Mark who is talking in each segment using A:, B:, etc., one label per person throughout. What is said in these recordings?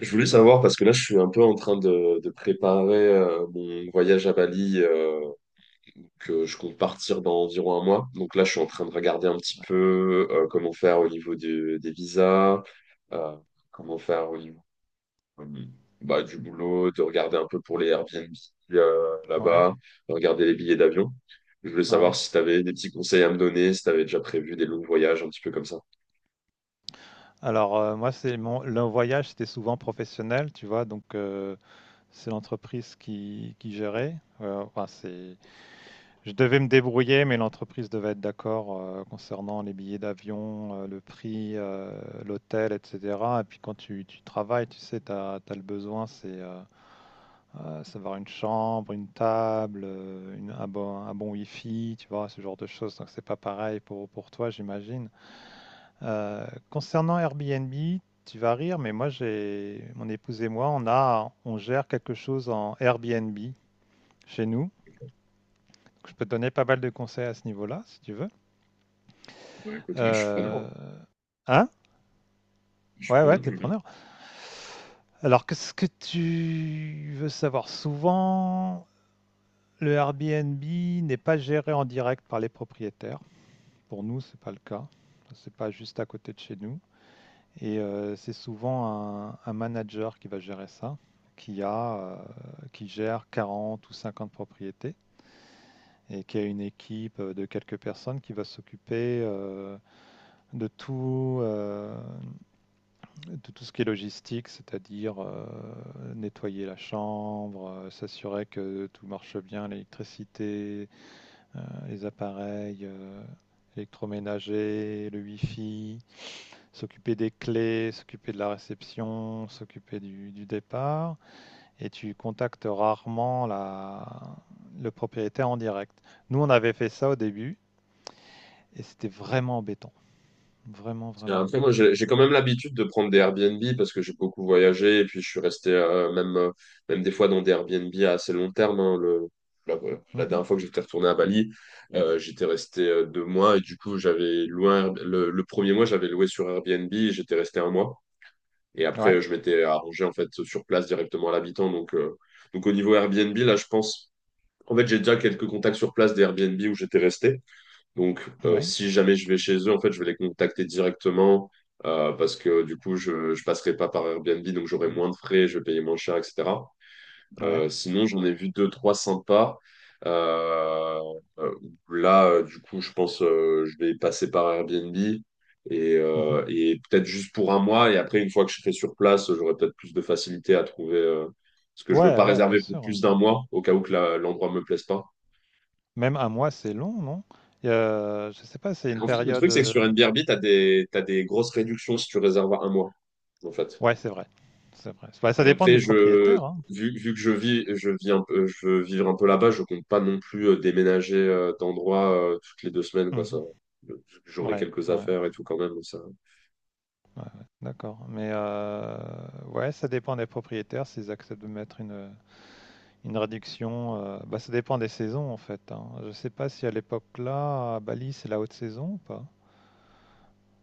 A: Je voulais savoir, parce que là, je suis un peu en train de préparer mon voyage à Bali, que je compte partir dans environ un mois. Donc là, je suis en train de regarder un petit peu comment faire au niveau des visas, euh, comment faire au niveau euh, bah, du boulot, de regarder un peu pour les Airbnb
B: Ouais,
A: là-bas, de regarder les billets d'avion. Je voulais savoir
B: ouais.
A: si tu avais des petits conseils à me donner, si tu avais déjà prévu des longs voyages, un petit peu comme ça.
B: Alors, moi, c'est mon le voyage, c'était souvent professionnel, tu vois? Donc, c'est l'entreprise qui gérait. Enfin, c'est je devais me débrouiller, mais l'entreprise devait être d'accord, concernant les billets d'avion, le prix, l'hôtel, et cetera. Et puis quand tu travailles, tu sais, tu as le besoin, savoir une chambre, une table, une un bon wifi, tu vois? Ce genre de choses. Donc c'est pas pareil pour toi, j'imagine. Concernant Airbnb, tu vas rire, mais moi, mon épouse et moi, on gère quelque chose en Airbnb chez nous. Je peux te donner pas mal de conseils à ce niveau-là, si tu veux.
A: Bah, écoute, oui, je suis
B: Euh,
A: preneur.
B: hein?
A: Je suis
B: Ouais, ouais,
A: preneur, je
B: t'es
A: veux bien.
B: preneur. Alors, qu'est-ce que tu veux savoir? Souvent, le Airbnb n'est pas géré en direct par les propriétaires. Pour nous, c'est pas le cas. C'est pas juste à côté de chez nous. Et c'est souvent un manager qui va gérer ça, qui a, euh, qui gère 40 ou 50 propriétés et qui a une équipe de quelques personnes qui va s'occuper de tout, euh, de tout ce qui est logistique, c'est-à-dire nettoyer la chambre, s'assurer que tout marche bien, l'électricité, les appareils électroménagers, le wifi, s'occuper des clés, s'occuper de la réception, s'occuper du départ, et tu contactes rarement le propriétaire en direct. Nous, on avait fait ça au début, et c'était vraiment embêtant. Vraiment,
A: Et
B: vraiment
A: après, moi,
B: embêtant.
A: j'ai quand même l'habitude de prendre des Airbnb parce que j'ai beaucoup voyagé et puis je suis resté même des fois dans des Airbnb à assez long terme, hein. La
B: Mhm.
A: dernière fois que j'étais retourné à Bali, j'étais resté 2 mois et du coup, j'avais loué le premier mois, j'avais loué sur Airbnb, et j'étais resté un mois et après,
B: Ouais,
A: je m'étais arrangé en fait sur place directement à l'habitant. Donc, au niveau Airbnb, là, je pense, en fait, j'ai déjà quelques contacts sur place des Airbnb où j'étais resté. Donc,
B: ouais,
A: si jamais je vais chez eux, en fait, je vais les contacter directement, parce que du coup, je passerai pas par Airbnb, donc j'aurai moins de frais, je vais payer moins cher, etc. Euh,
B: ouais.
A: sinon, j'en ai vu deux, trois sympas. Euh, euh, là, du coup, je pense, je vais passer par Airbnb et,
B: Mhm.
A: euh, et peut-être juste pour un mois. Et après, une fois que je serai sur place, j'aurai peut-être plus de facilité à trouver, parce que je veux
B: Ouais,
A: pas
B: ouais, bien
A: réserver pour
B: sûr.
A: plus d'un mois au cas où que l'endroit me plaise pas.
B: Même un mois, c'est long, non? Et, je sais pas, c'est une
A: En fait, le
B: période.
A: truc, c'est que
B: euh,
A: sur NBRB, t'as des grosses réductions si tu réserves à un mois, en fait.
B: Ouais, c'est vrai. C'est vrai. Bah, ça
A: Et
B: dépend
A: après,
B: du propriétaire, hein.
A: vu que je vis, je veux vivre un peu là-bas, je compte pas non plus déménager d'endroit toutes les 2 semaines, quoi, ça.
B: Mhm.
A: J'aurai
B: Ouais,
A: quelques
B: ouais.
A: affaires et tout quand même, ça.
B: Ouais, ouais, d'accord. Mais ouais, ça dépend des propriétaires, s'ils acceptent de mettre une réduction. Bah, ça dépend des saisons en fait, hein. Je sais pas si à l'époque là, à Bali, c'est la haute saison ou pas.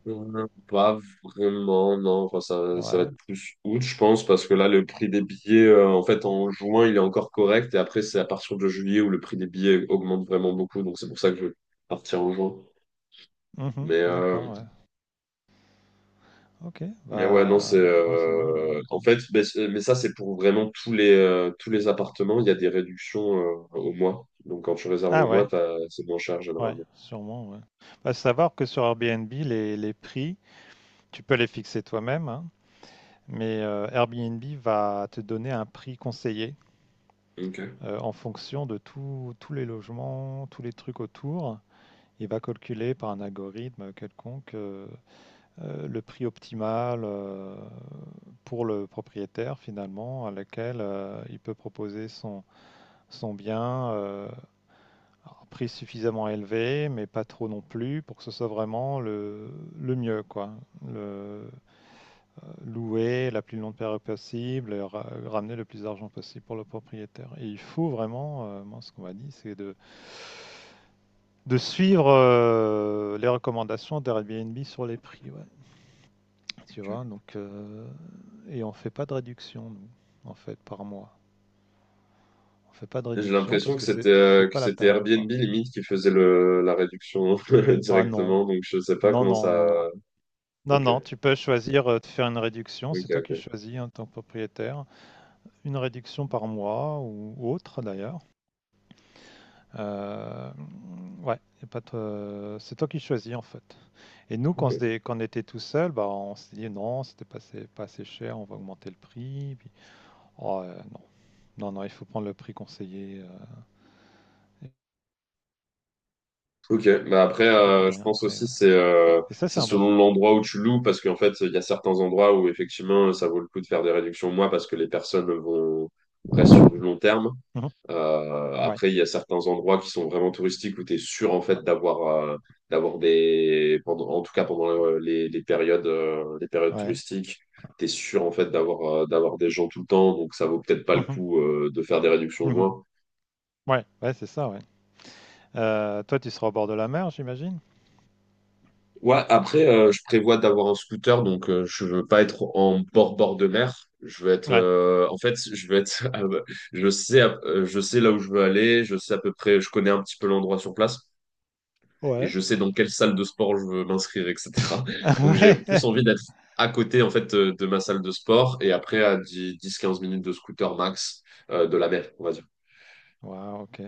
A: Pas vraiment, non. Enfin, ça va
B: Ouais.
A: être plus août, je pense, parce que là, le prix des billets, en fait, en juin, il est encore correct. Et après, c'est à partir de juillet où le prix des billets augmente vraiment beaucoup. Donc, c'est pour ça que je vais partir en juin.
B: Mhm,
A: Mais,
B: d'accord,
A: euh,
B: ouais. Ok.
A: Mais ouais, non, c'est
B: Bah, juin, c'est mieux, ouais.
A: en fait, mais ça c'est pour vraiment tous les appartements, il y a des réductions au mois. Donc quand tu réserves au
B: Ah
A: mois,
B: ouais,
A: c'est moins cher
B: ouais,
A: généralement.
B: sûrement, ouais. Bah, savoir que sur Airbnb, les prix, tu peux les fixer toi-même, hein, mais Airbnb va te donner un prix conseillé
A: Ok.
B: en fonction de tous les logements, tous les trucs autour. Il va calculer par un algorithme quelconque le prix optimal pour le propriétaire finalement à laquelle il peut proposer son bien à un prix suffisamment élevé mais pas trop non plus pour que ce soit vraiment le mieux quoi. Le, louer la plus longue période possible, et ramener le plus d'argent possible pour le propriétaire. Et il faut vraiment, moi ce qu'on m'a dit c'est de suivre les recommandations d'Airbnb sur les prix, ouais. Tu vois,
A: Ok.
B: donc et on fait pas de réduction, nous, en fait, par mois. On fait pas de
A: Et j'ai
B: réduction
A: l'impression
B: parce
A: que
B: que c'est
A: c'était euh,
B: c'est
A: que
B: pas la
A: c'était
B: peine,
A: Airbnb
B: quoi.
A: limite qui faisait le la réduction
B: Ah non,
A: directement. Donc je sais pas
B: non,
A: comment
B: non,
A: ça.
B: non, non. Non,
A: Ok.
B: non, tu peux choisir de faire une réduction, c'est
A: Ok.
B: toi qui
A: Ok.
B: choisis en tant que propriétaire, une réduction par mois ou autre d'ailleurs. Euh, ouais, y a pas de- c'est toi qui choisis en fait. Et nous,
A: Ok.
B: quand on était tout seul, bah, on s'est dit non, c'était pas assez, pas assez cher, on va augmenter le prix. Puis, oh, non, non, non, il faut prendre le prix conseillé,
A: Ok, bah après,
B: et tu t'occupes de
A: je
B: rien
A: pense
B: après,
A: aussi
B: ouais.
A: c'est euh,
B: Et ça,
A: c'est
B: c'est un bon.
A: selon l'endroit où tu loues parce qu'en fait il y a certains endroits où effectivement ça vaut le coup de faire des réductions au mois parce que les personnes vont restent sur du long terme.
B: Mhm. Ouais,
A: Après il y a certains endroits qui sont vraiment touristiques où tu es sûr en fait d'avoir des pendant en tout cas pendant les périodes
B: ouais.
A: touristiques, tu es sûr en fait d'avoir des gens tout le temps donc ça vaut peut-être pas le
B: Mhm.
A: coup de faire des réductions au
B: Mhm.
A: mois.
B: Ouais, ouais, c'est ça, ouais. Toi, tu seras au bord de la mer, j'imagine?
A: Ouais, après, je prévois d'avoir un scooter, donc je veux pas être en bord-bord de mer. Je veux être,
B: Ouais.
A: en fait, je veux être, je sais là où je veux aller, je sais à peu près, je connais un petit peu l'endroit sur place et
B: Ouais.
A: je sais dans quelle salle de sport je veux m'inscrire, etc. Donc j'ai plus
B: Ouais.
A: envie d'être à côté, en fait, de ma salle de sport et après à 10 15 minutes de scooter max, de la mer, on va
B: Wow, ok.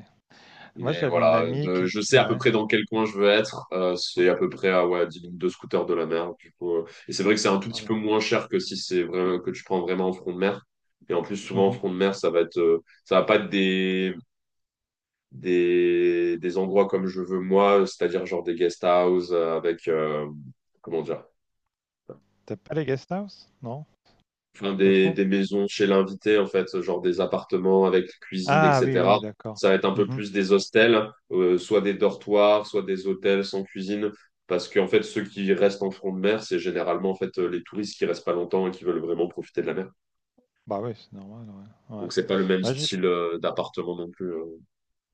B: Moi,
A: Mais
B: j'avais une
A: voilà,
B: amie qui.
A: je sais à peu
B: Ouais.
A: près dans quel coin je veux être. C'est à peu près à ouais, 10 minutes de scooter de la mer. Du coup, et c'est vrai que c'est un tout petit
B: Voilà.
A: peu moins cher que si c'est vrai, que tu prends vraiment en front de mer. Et en plus, souvent en
B: Mhm.
A: front de mer, ça va pas être des, des endroits comme je veux moi, c'est-à-dire genre des guest houses avec, comment dire,
B: T'as pas les guest house? Non?
A: enfin
B: Pas
A: des,
B: trop?
A: des maisons chez l'invité en fait, genre des appartements avec cuisine,
B: Ah oui, oui,
A: etc.
B: d'accord.
A: Ça va être un peu
B: Mmh.
A: plus des hostels, soit des dortoirs, soit des hôtels sans cuisine, parce qu'en fait ceux qui restent en front de mer, c'est généralement en fait les touristes qui restent pas longtemps et qui veulent vraiment profiter de la mer.
B: Bah oui, c'est normal, ouais. Ouais.
A: Donc c'est pas le même
B: Moi j'ai
A: style d'appartement non plus.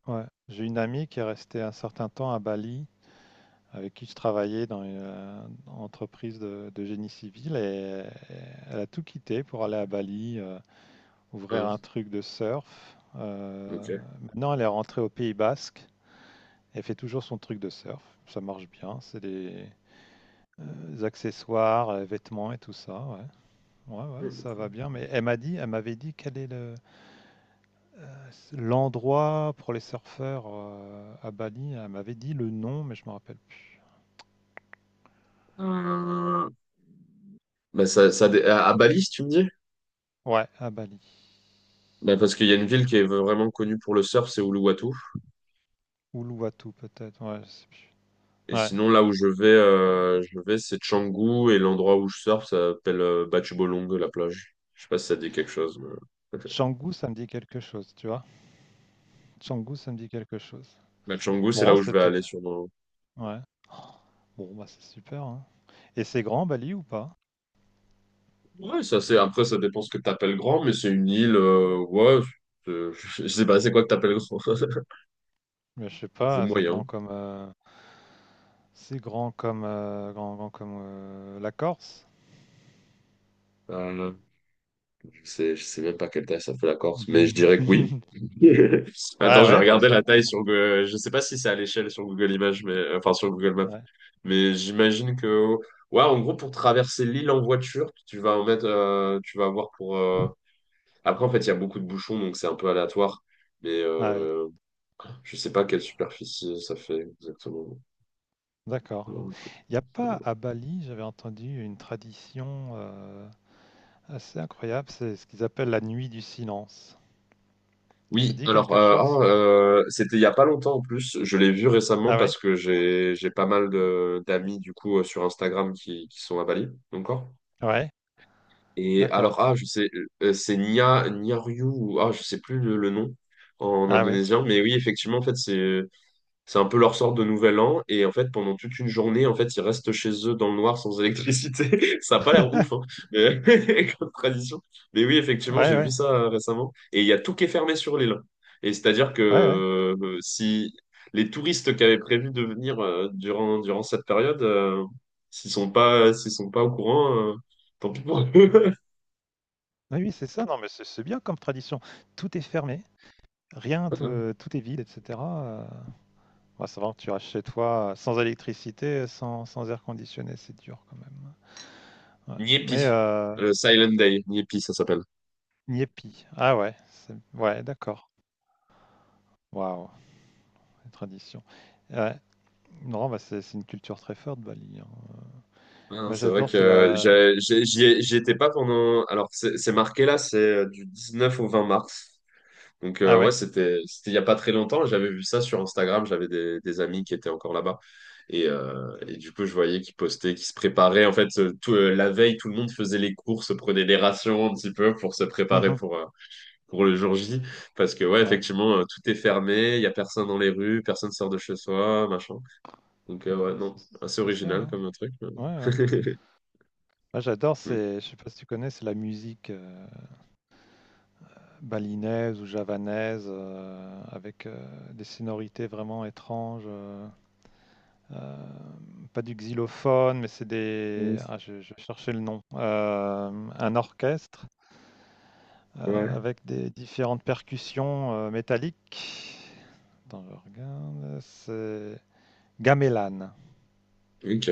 B: ouais, j'ai une amie qui est restée un certain temps à Bali, avec qui je travaillais dans une, entreprise de génie civil et et elle a tout quitté pour aller à Bali, ouvrir un
A: Hein,
B: truc de surf. Heu,
A: ok.
B: Maintenant elle est rentrée au Pays basque, elle fait toujours son truc de surf, ça marche bien, c'est des, accessoires, vêtements et tout ça, ouais. Ouais, ouais,
A: Mmh,
B: ça
A: cool.
B: va bien, mais elle m'avait dit quel est le l'endroit pour les surfeurs, à Bali, elle m'avait dit le nom, mais je me rappelle plus.
A: Euh, Bah, ça,
B: C'est
A: dé- à Bali, si tu me dis?
B: Ouais, à Bali.
A: Bah, parce qu'il y a une ville qui est vraiment connue pour le surf, c'est Uluwatu.
B: Uluwatu peut-être, ouais, je sais plus.
A: Et
B: Ouais.
A: sinon, là où je vais, c'est Canggu et l'endroit où je surfe, ça s'appelle Batchubolong, la plage. Je sais pas si ça dit quelque chose. Mais...
B: Canggu, ça me dit quelque chose, tu vois? Canggu, ça me dit quelque chose.
A: Bah, Canggu, c'est là
B: Bon,
A: où je
B: c'est
A: vais aller
B: peut-être
A: sûrement.
B: Ouais. Oh, Bon, bah, c'est super, hein. Et c'est grand Bali ou pas?
A: Ouais, ça c'est. Après, ça dépend ce que t'appelles grand, mais c'est une île. Ouais, c'est- je sais pas, c'est quoi que t'appelles grand?
B: Mais je sais
A: C'est
B: pas,
A: moyen.
B: c'est grand comme, grand grand comme, la Corse?
A: Euh, je sais même pas quelle taille ça fait la Corse, mais je dirais que oui. Attends,
B: Ouais,
A: je vais
B: ouais, bah,
A: regarder
B: c'est
A: la taille
B: grand,
A: sur Google. Je sais pas si c'est à l'échelle sur Google Images, mais enfin sur Google Maps.
B: ouais.
A: Mais j'imagine que ouais, en gros pour traverser l'île en voiture, tu vas en mettre, tu vas avoir pour. Après en fait, il y a beaucoup de bouchons, donc c'est un peu aléatoire. Mais
B: Ah oui,
A: euh, je sais pas quelle superficie ça fait exactement.
B: d'accord.
A: Non.
B: Il n'y a pas à Bali, j'avais entendu une tradition assez incroyable, c'est ce qu'ils appellent la nuit du silence. Ça
A: Oui,
B: dit
A: alors,
B: quelque chose?
A: c'était il y a pas longtemps en plus. Je l'ai vu récemment
B: Ah ouais?
A: parce que j'ai pas mal de d'amis du coup sur Instagram qui sont à Bali encore.
B: Ouais,
A: Et
B: d'accord.
A: alors, ah, je sais, c'est Nia Nia Ryu ou ah je sais plus le nom en
B: Ah ouais.
A: indonésien, mais oui effectivement en fait c'est un peu leur sorte de nouvel an. Et en fait, pendant toute une journée, en fait, ils restent chez eux dans le noir sans électricité. Ça a pas l'air ouf, hein, mais... comme tradition. Mais oui, effectivement,
B: Ouais,
A: j'ai vu
B: ouais,
A: ça récemment. Et il y a tout qui est fermé sur l'île. Et c'est-à-dire que
B: ouais, ouais.
A: si les touristes qui avaient prévu de venir durant cette période, s'ils sont pas au courant, tant pis pour eux.
B: Oui, oui, c'est ça. Non, mais c'est bien comme tradition. Tout est fermé, rien, tout est vide, etc. Ouais, ça va, tu restes chez toi sans électricité, sans air conditionné, c'est dur quand même. Ouais.
A: Niepi,
B: Mais
A: le Silent Day, Niepi, ça s'appelle.
B: Nyepi, ah ouais, ouais, d'accord. Waouh, une tradition. Ouais. Non, bah, c'est une culture très forte, Bali, hein.
A: Ouais non,
B: Moi,
A: c'est vrai
B: j'adore, c'est
A: que
B: la
A: j'y étais pas
B: Ouais.
A: pendant. Alors, c'est marqué là, c'est du 19 au 20 mars. Donc,
B: Ah
A: ouais,
B: ouais?
A: c'était il y a pas très longtemps. J'avais vu ça sur Instagram. J'avais des amis qui étaient encore là-bas. Et du coup, je voyais qu'ils postaient, qu'ils se préparaient. En fait, la veille, tout le monde faisait les courses, prenait des rations un petit peu pour se préparer
B: Mmh.
A: pour le jour J. Parce que, ouais,
B: Ouais.
A: effectivement, tout est fermé. Il y a personne dans les rues, personne sort de chez soi, machin. Donc, ouais,
B: Bon, c'est
A: non,
B: c'est
A: assez
B: spécial,
A: original
B: hein.
A: comme truc.
B: Ouais, ouais. Moi, j'adore, c'est je sais pas si tu connais, c'est la musique, balinaise ou javanaise, avec, des sonorités vraiment étranges, pas du xylophone, mais
A: Mm.
B: je vais le nom. Un orchestre,
A: Ouais,
B: avec des différentes percussions, métalliques. Attends, je regarde, c'est Gamelan.
A: ok.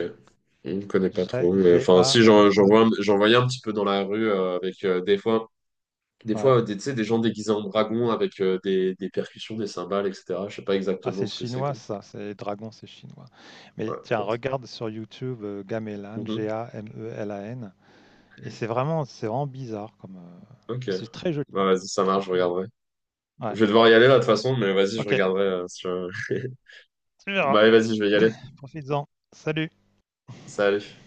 A: On ne connaît pas trop. Enfin, si j'en j'en
B: G-A-M-E.
A: vois, un- j'en voyais un petit peu dans la rue avec des fois, des
B: Ouais.
A: fois, tu sais, des gens déguisés en dragons avec des percussions, des cymbales, etc. Je sais pas
B: Ah,
A: exactement
B: c'est
A: ce que c'est
B: chinois,
A: comme.
B: ça. C'est dragon, c'est chinois. Mais
A: Ouais, en
B: tiens,
A: fait.
B: regarde sur YouTube Gamelan,
A: Mhm.
B: Gamelan. Et c'est vraiment bizarre comme,
A: Ok.
B: mais c'est très joli.
A: Bah, vas-y, ça
B: Très,
A: marche, je
B: très joli.
A: regarderai.
B: Ouais.
A: Je vais devoir y aller là de toute façon, mais vas-y, je
B: Ok.
A: regarderai. Si je-
B: Tu
A: Bah,
B: verras.
A: allez, vas-y, je vais y aller.
B: Profites-en. Salut.
A: Salut.